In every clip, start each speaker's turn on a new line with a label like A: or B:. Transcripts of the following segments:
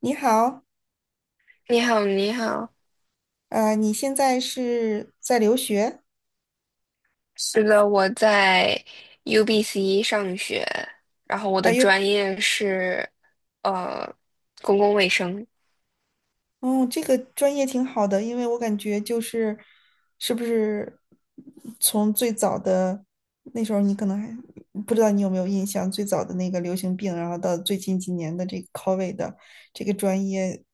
A: 你好，
B: 你好，你好。
A: 你现在是在留学？
B: 是的，我在 UBC 上学，然后我
A: 啊？
B: 的
A: 有，
B: 专业是呃公共卫生，
A: 哦，这个专业挺好的，因为我感觉就是，是不是从最早的那时候，你可能还不知道你有没有印象，最早的那个流行病，然后到最近几年的这个 COVID 的这个专业，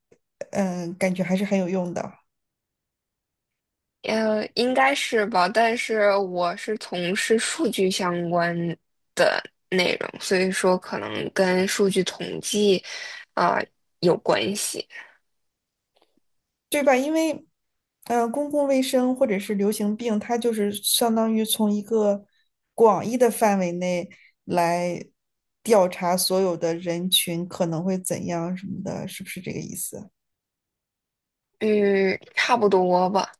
A: 嗯、感觉还是很有用的。
B: 应该是吧，但是我是从事数据相关的内容，所以说可能跟数据统计啊、有关系，
A: 对吧？因为，公共卫生或者是流行病，它就是相当于从一个广义的范围内来调查所有的人群可能会怎样什么的，是不是这个意思？
B: 嗯，差不多吧。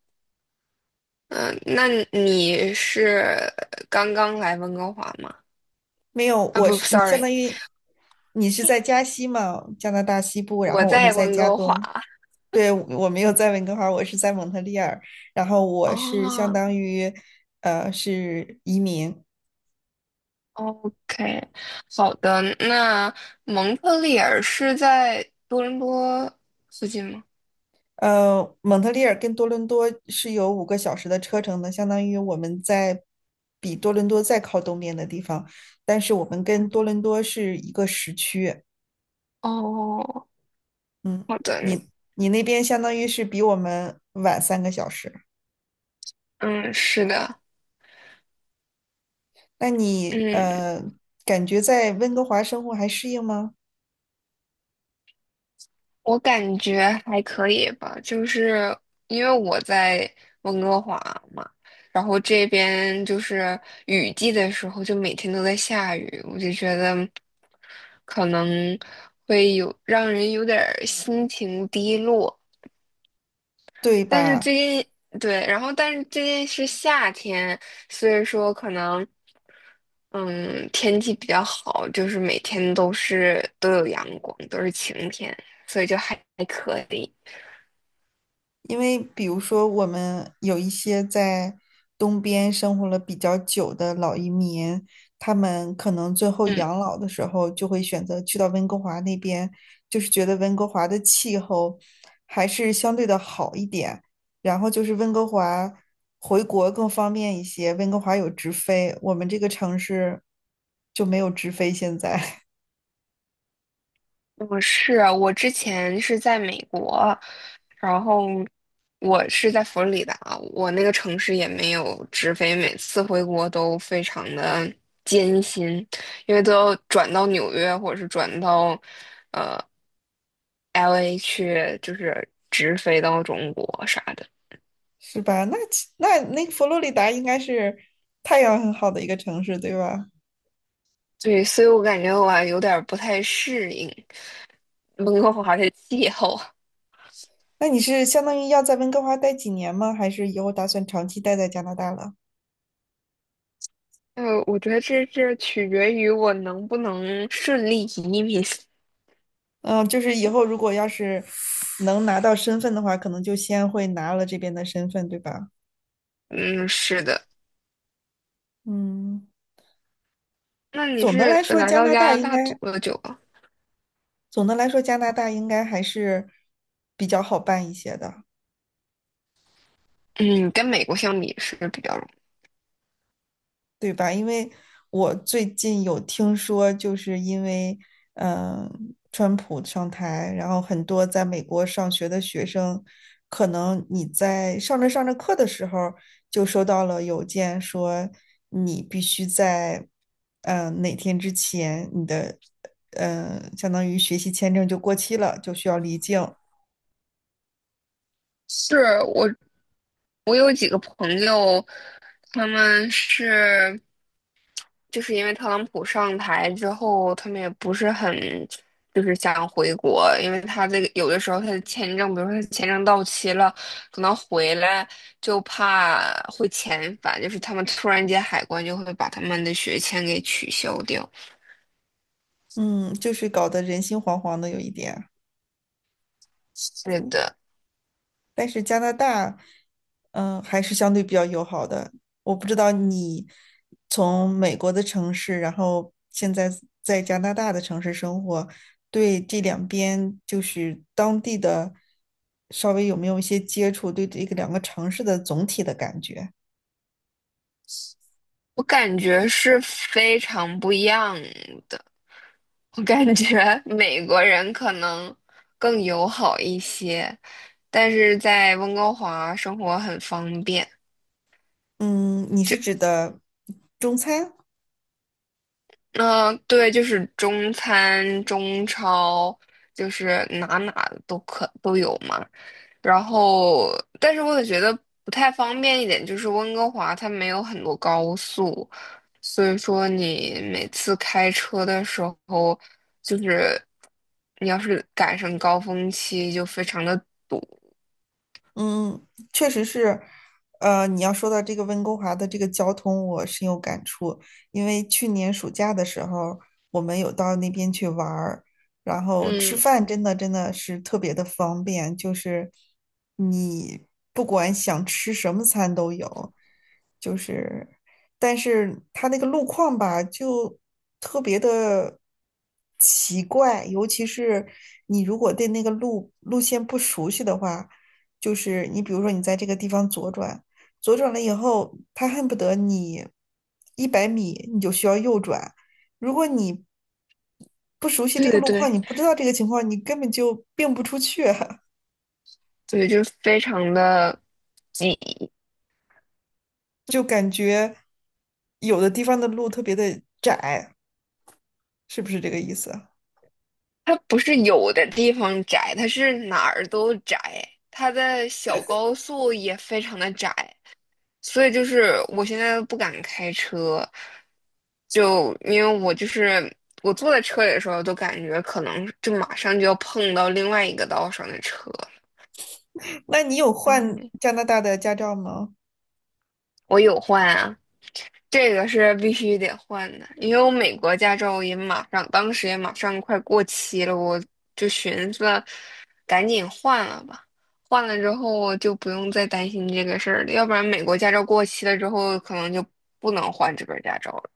B: 嗯、那你是刚刚来温哥华吗？
A: 没有，
B: 啊，
A: 我
B: 不
A: 是你相
B: ，sorry，
A: 当于你是在加西嘛，加拿大西部，然
B: 我
A: 后我是
B: 在
A: 在
B: 温
A: 加
B: 哥华。
A: 东。对，我没有在温哥华，我是在蒙特利尔，然后我是相
B: 哦
A: 当于是移民。
B: ，OK，好的。那蒙特利尔是在多伦多附近吗？
A: 呃，蒙特利尔跟多伦多是有5个小时的车程的，相当于我们在比多伦多再靠东边的地方，但是我们跟多
B: 嗯，
A: 伦多是一个时区。
B: 哦，
A: 嗯，
B: 好的，
A: 你你那边相当于是比我们晚3个小时。
B: 嗯，是的，
A: 那你
B: 嗯，
A: 感觉在温哥华生活还适应吗？
B: 我感觉还可以吧，就是因为我在温哥华嘛，然后这边就是雨季的时候就每天都在下雨，我就觉得可能会有让人有点儿心情低落。
A: 对
B: 但是
A: 吧？
B: 最近对，然后但是最近是夏天，所以说可能嗯天气比较好，就是每天都有阳光，都是晴天，所以就还可以。
A: 因为比如说，我们有一些在东边生活了比较久的老移民，他们可能最后
B: 嗯，
A: 养老的时候就会选择去到温哥华那边，就是觉得温哥华的气候还是相对的好一点，然后就是温哥华回国更方便一些，温哥华有直飞，我们这个城市就没有直飞，现在
B: 我之前是在美国，然后我是在佛罗里达，我那个城市也没有直飞，每次回国都非常的艰辛，因为都要转到纽约或者是转到。LA 去就是直飞到中国啥的。
A: 是吧？那其那那个佛罗里达应该是太阳很好的一个城市，对吧？
B: 对，所以我感觉我还有点儿不太适应温哥华的气候。
A: 那你是相当于要在温哥华待几年吗？还是以后打算长期待在加拿大了？
B: 我觉得这取决于我能不能顺利移民。
A: 嗯，就是以后如果要是能拿到身份的话，可能就先会拿了这边的身份，对吧？
B: 嗯，是的。
A: 嗯，
B: 那你
A: 总的来
B: 是
A: 说，
B: 来
A: 加
B: 到
A: 拿大
B: 加
A: 应
B: 拿
A: 该，
B: 大多久啊？
A: 总的来说，加拿大应该还是比较好办一些的。
B: 嗯，跟美国相比是比较容易。
A: 对吧？因为我最近有听说，就是因为嗯、呃川普上台，然后很多在美国上学的学生，可能你在上着上着课的时候，就收到了邮件说你必须在哪天之前，你的相当于学习签证就过期了，就需要离境。
B: 是我，我有几个朋友，他们是。就是因为特朗普上台之后，他们也不是很就是想回国，因为他这个有的时候他的签证，比如说他签证到期了，可能回来就怕会遣返，就是他们突然间海关就会把他们的学签给取消掉。
A: 嗯，就是搞得人心惶惶的有一点。
B: 是的，
A: 但是加拿大，嗯、还是相对比较友好的。我不知道你从美国的城市，然后现在在加拿大的城市生活，对这两边就是当地的稍微有没有一些接触，对这个两个城市的总体的感觉？
B: 我感觉是非常不一样的。我感觉 美国人可能更友好一些，但是在温哥华生活很方便。
A: 嗯，你
B: 就。
A: 是指的中餐？
B: 嗯、对，就是中餐、中超，就是哪都可都有嘛。然后，但是我也觉得不太方便一点，就是温哥华它没有很多高速，所以说你每次开车的时候，就是你要是赶上高峰期，就非常的堵。
A: 嗯，确实是，你要说到这个温哥华的这个交通，我深有感触。因为去年暑假的时候，我们有到那边去玩儿，然后吃
B: 嗯，
A: 饭真的是特别的方便，就是你不管想吃什么餐都有，就是，但是它那个路况吧，就特别的奇怪，尤其是你如果对那个路线不熟悉的话。就是你比如说你在这个地方左转，左转了以后，他恨不得你100米你就需要右转，如果你不熟悉这
B: 对
A: 个
B: 对
A: 路
B: 对，
A: 况，你不知道这个情况，你根本就并不出去，
B: 对，就非常的挤。
A: 就感觉有的地方的路特别的窄，是不是这个意思？
B: 它不是有的地方窄，它是哪儿都窄，它的小高速也非常的窄，所以就是我现在都不敢开车，就因为我就是我坐在车里的时候，都感觉可能就马上就要碰到另外一个道上的车。
A: 那你有换
B: 嗯，
A: 加拿大的驾照吗？
B: 我有换啊，这个是必须得换的，因为我美国驾照也马上，当时也马上快过期了，我就寻思赶紧换了吧。换了之后就不用再担心这个事儿了，要不然美国驾照过期了之后，可能就不能换这本驾照了。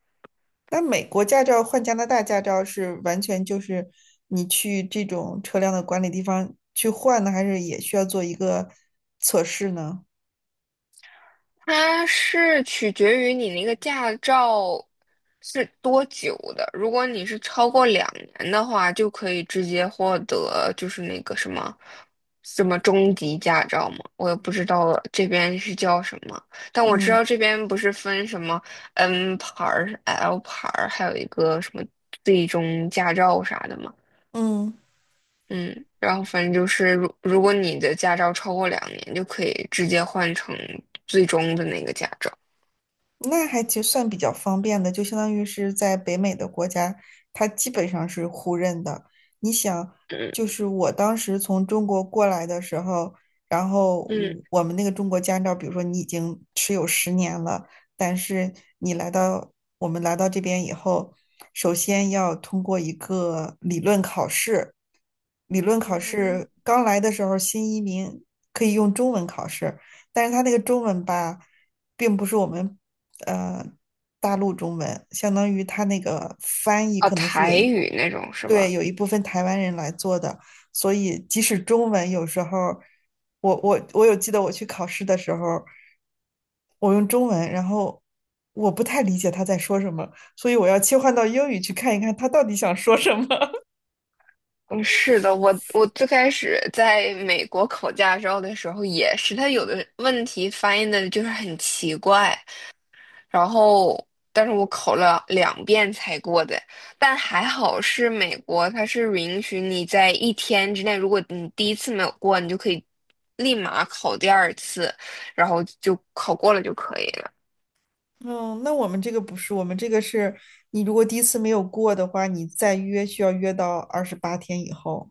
A: 那美国驾照换加拿大驾照是完全就是你去这种车辆的管理地方去换呢，还是也需要做一个测试呢？
B: 它是取决于你那个驾照是多久的。如果你是超过两年的话，就可以直接获得就是那个什么什么中级驾照嘛。我也不知道这边是叫什么，但我知
A: 嗯
B: 道这边不是分什么 N 牌儿、L 牌儿，还有一个什么最终驾照啥的嘛。
A: 嗯。
B: 嗯，然后反正就是，如果你的驾照超过两年，就可以直接换成最终的那个驾照。
A: 那还其实算比较方便的，就相当于是在北美的国家，它基本上是互认的。你想，
B: 嗯。
A: 就是我当时从中国过来的时候，然后
B: 嗯，
A: 我们那个中国驾照，比如说你已经持有十年了，但是你来到我们来到这边以后，首先要通过一个理论考试。理论考
B: 嗯
A: 试刚来的时候，新移民可以用中文考试，但是他那个中文吧。并不是我们呃大陆中文，相当于它那个翻译
B: 啊，
A: 可能是有
B: 台
A: 一
B: 语那种是
A: 对
B: 吧？
A: 有一部分台湾人来做的，所以即使中文有时候，我有记得我去考试的时候，我用中文，然后我不太理解他在说什么，所以我要切换到英语去看一看他到底想说什么。
B: 嗯，是的，我最开始在美国考驾照的时候也是，他有的问题翻译的就是很奇怪，然后但是我考了2遍才过的，但还好是美国，它是允许你在一天之内，如果你第一次没有过，你就可以立马考第二次，然后就考过了就可以了。
A: 嗯，那我们这个不是，我们这个是你如果第一次没有过的话，你再约需要约到28天以后。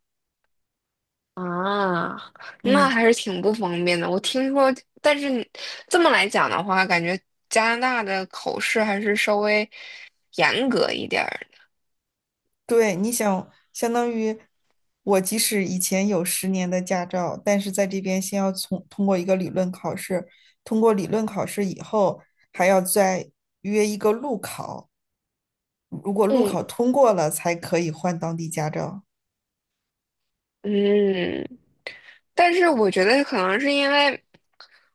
B: 啊，那
A: 嗯。
B: 还是挺不方便的。我听说，但是你这么来讲的话，感觉加拿大的口试还是稍微严格一点儿。
A: 对，你想，相当于我即使以前有十年的驾照，但是在这边先要从通过一个理论考试，通过理论考试以后，还要再约一个路考，如果路
B: 嗯
A: 考通过了，才可以换当地驾照。
B: 嗯。但是我觉得可能是因为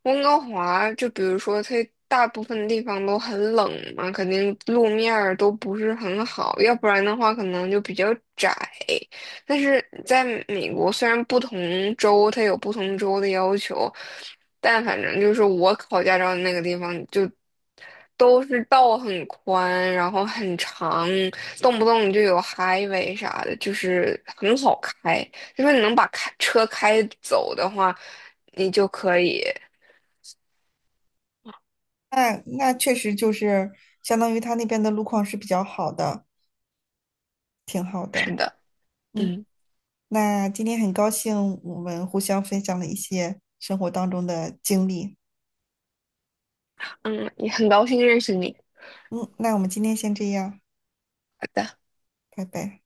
B: 温哥华，就比如说它大部分地方都很冷嘛，肯定路面儿都不是很好，要不然的话可能就比较窄。但是在美国，虽然不同州它有不同州的要求，但反正就是我考驾照的那个地方就都是道很宽，然后很长，动不动就有 highway 啥的，就是很好开。因为你能把开车开走的话，你就可以。
A: 那那确实就是相当于他那边的路况是比较好的，挺好的。
B: 是的，
A: 嗯，
B: 嗯
A: 那今天很高兴我们互相分享了一些生活当中的经历。
B: 嗯，也很高兴认识你。
A: 嗯，那我们今天先这样，
B: 好的。
A: 拜拜。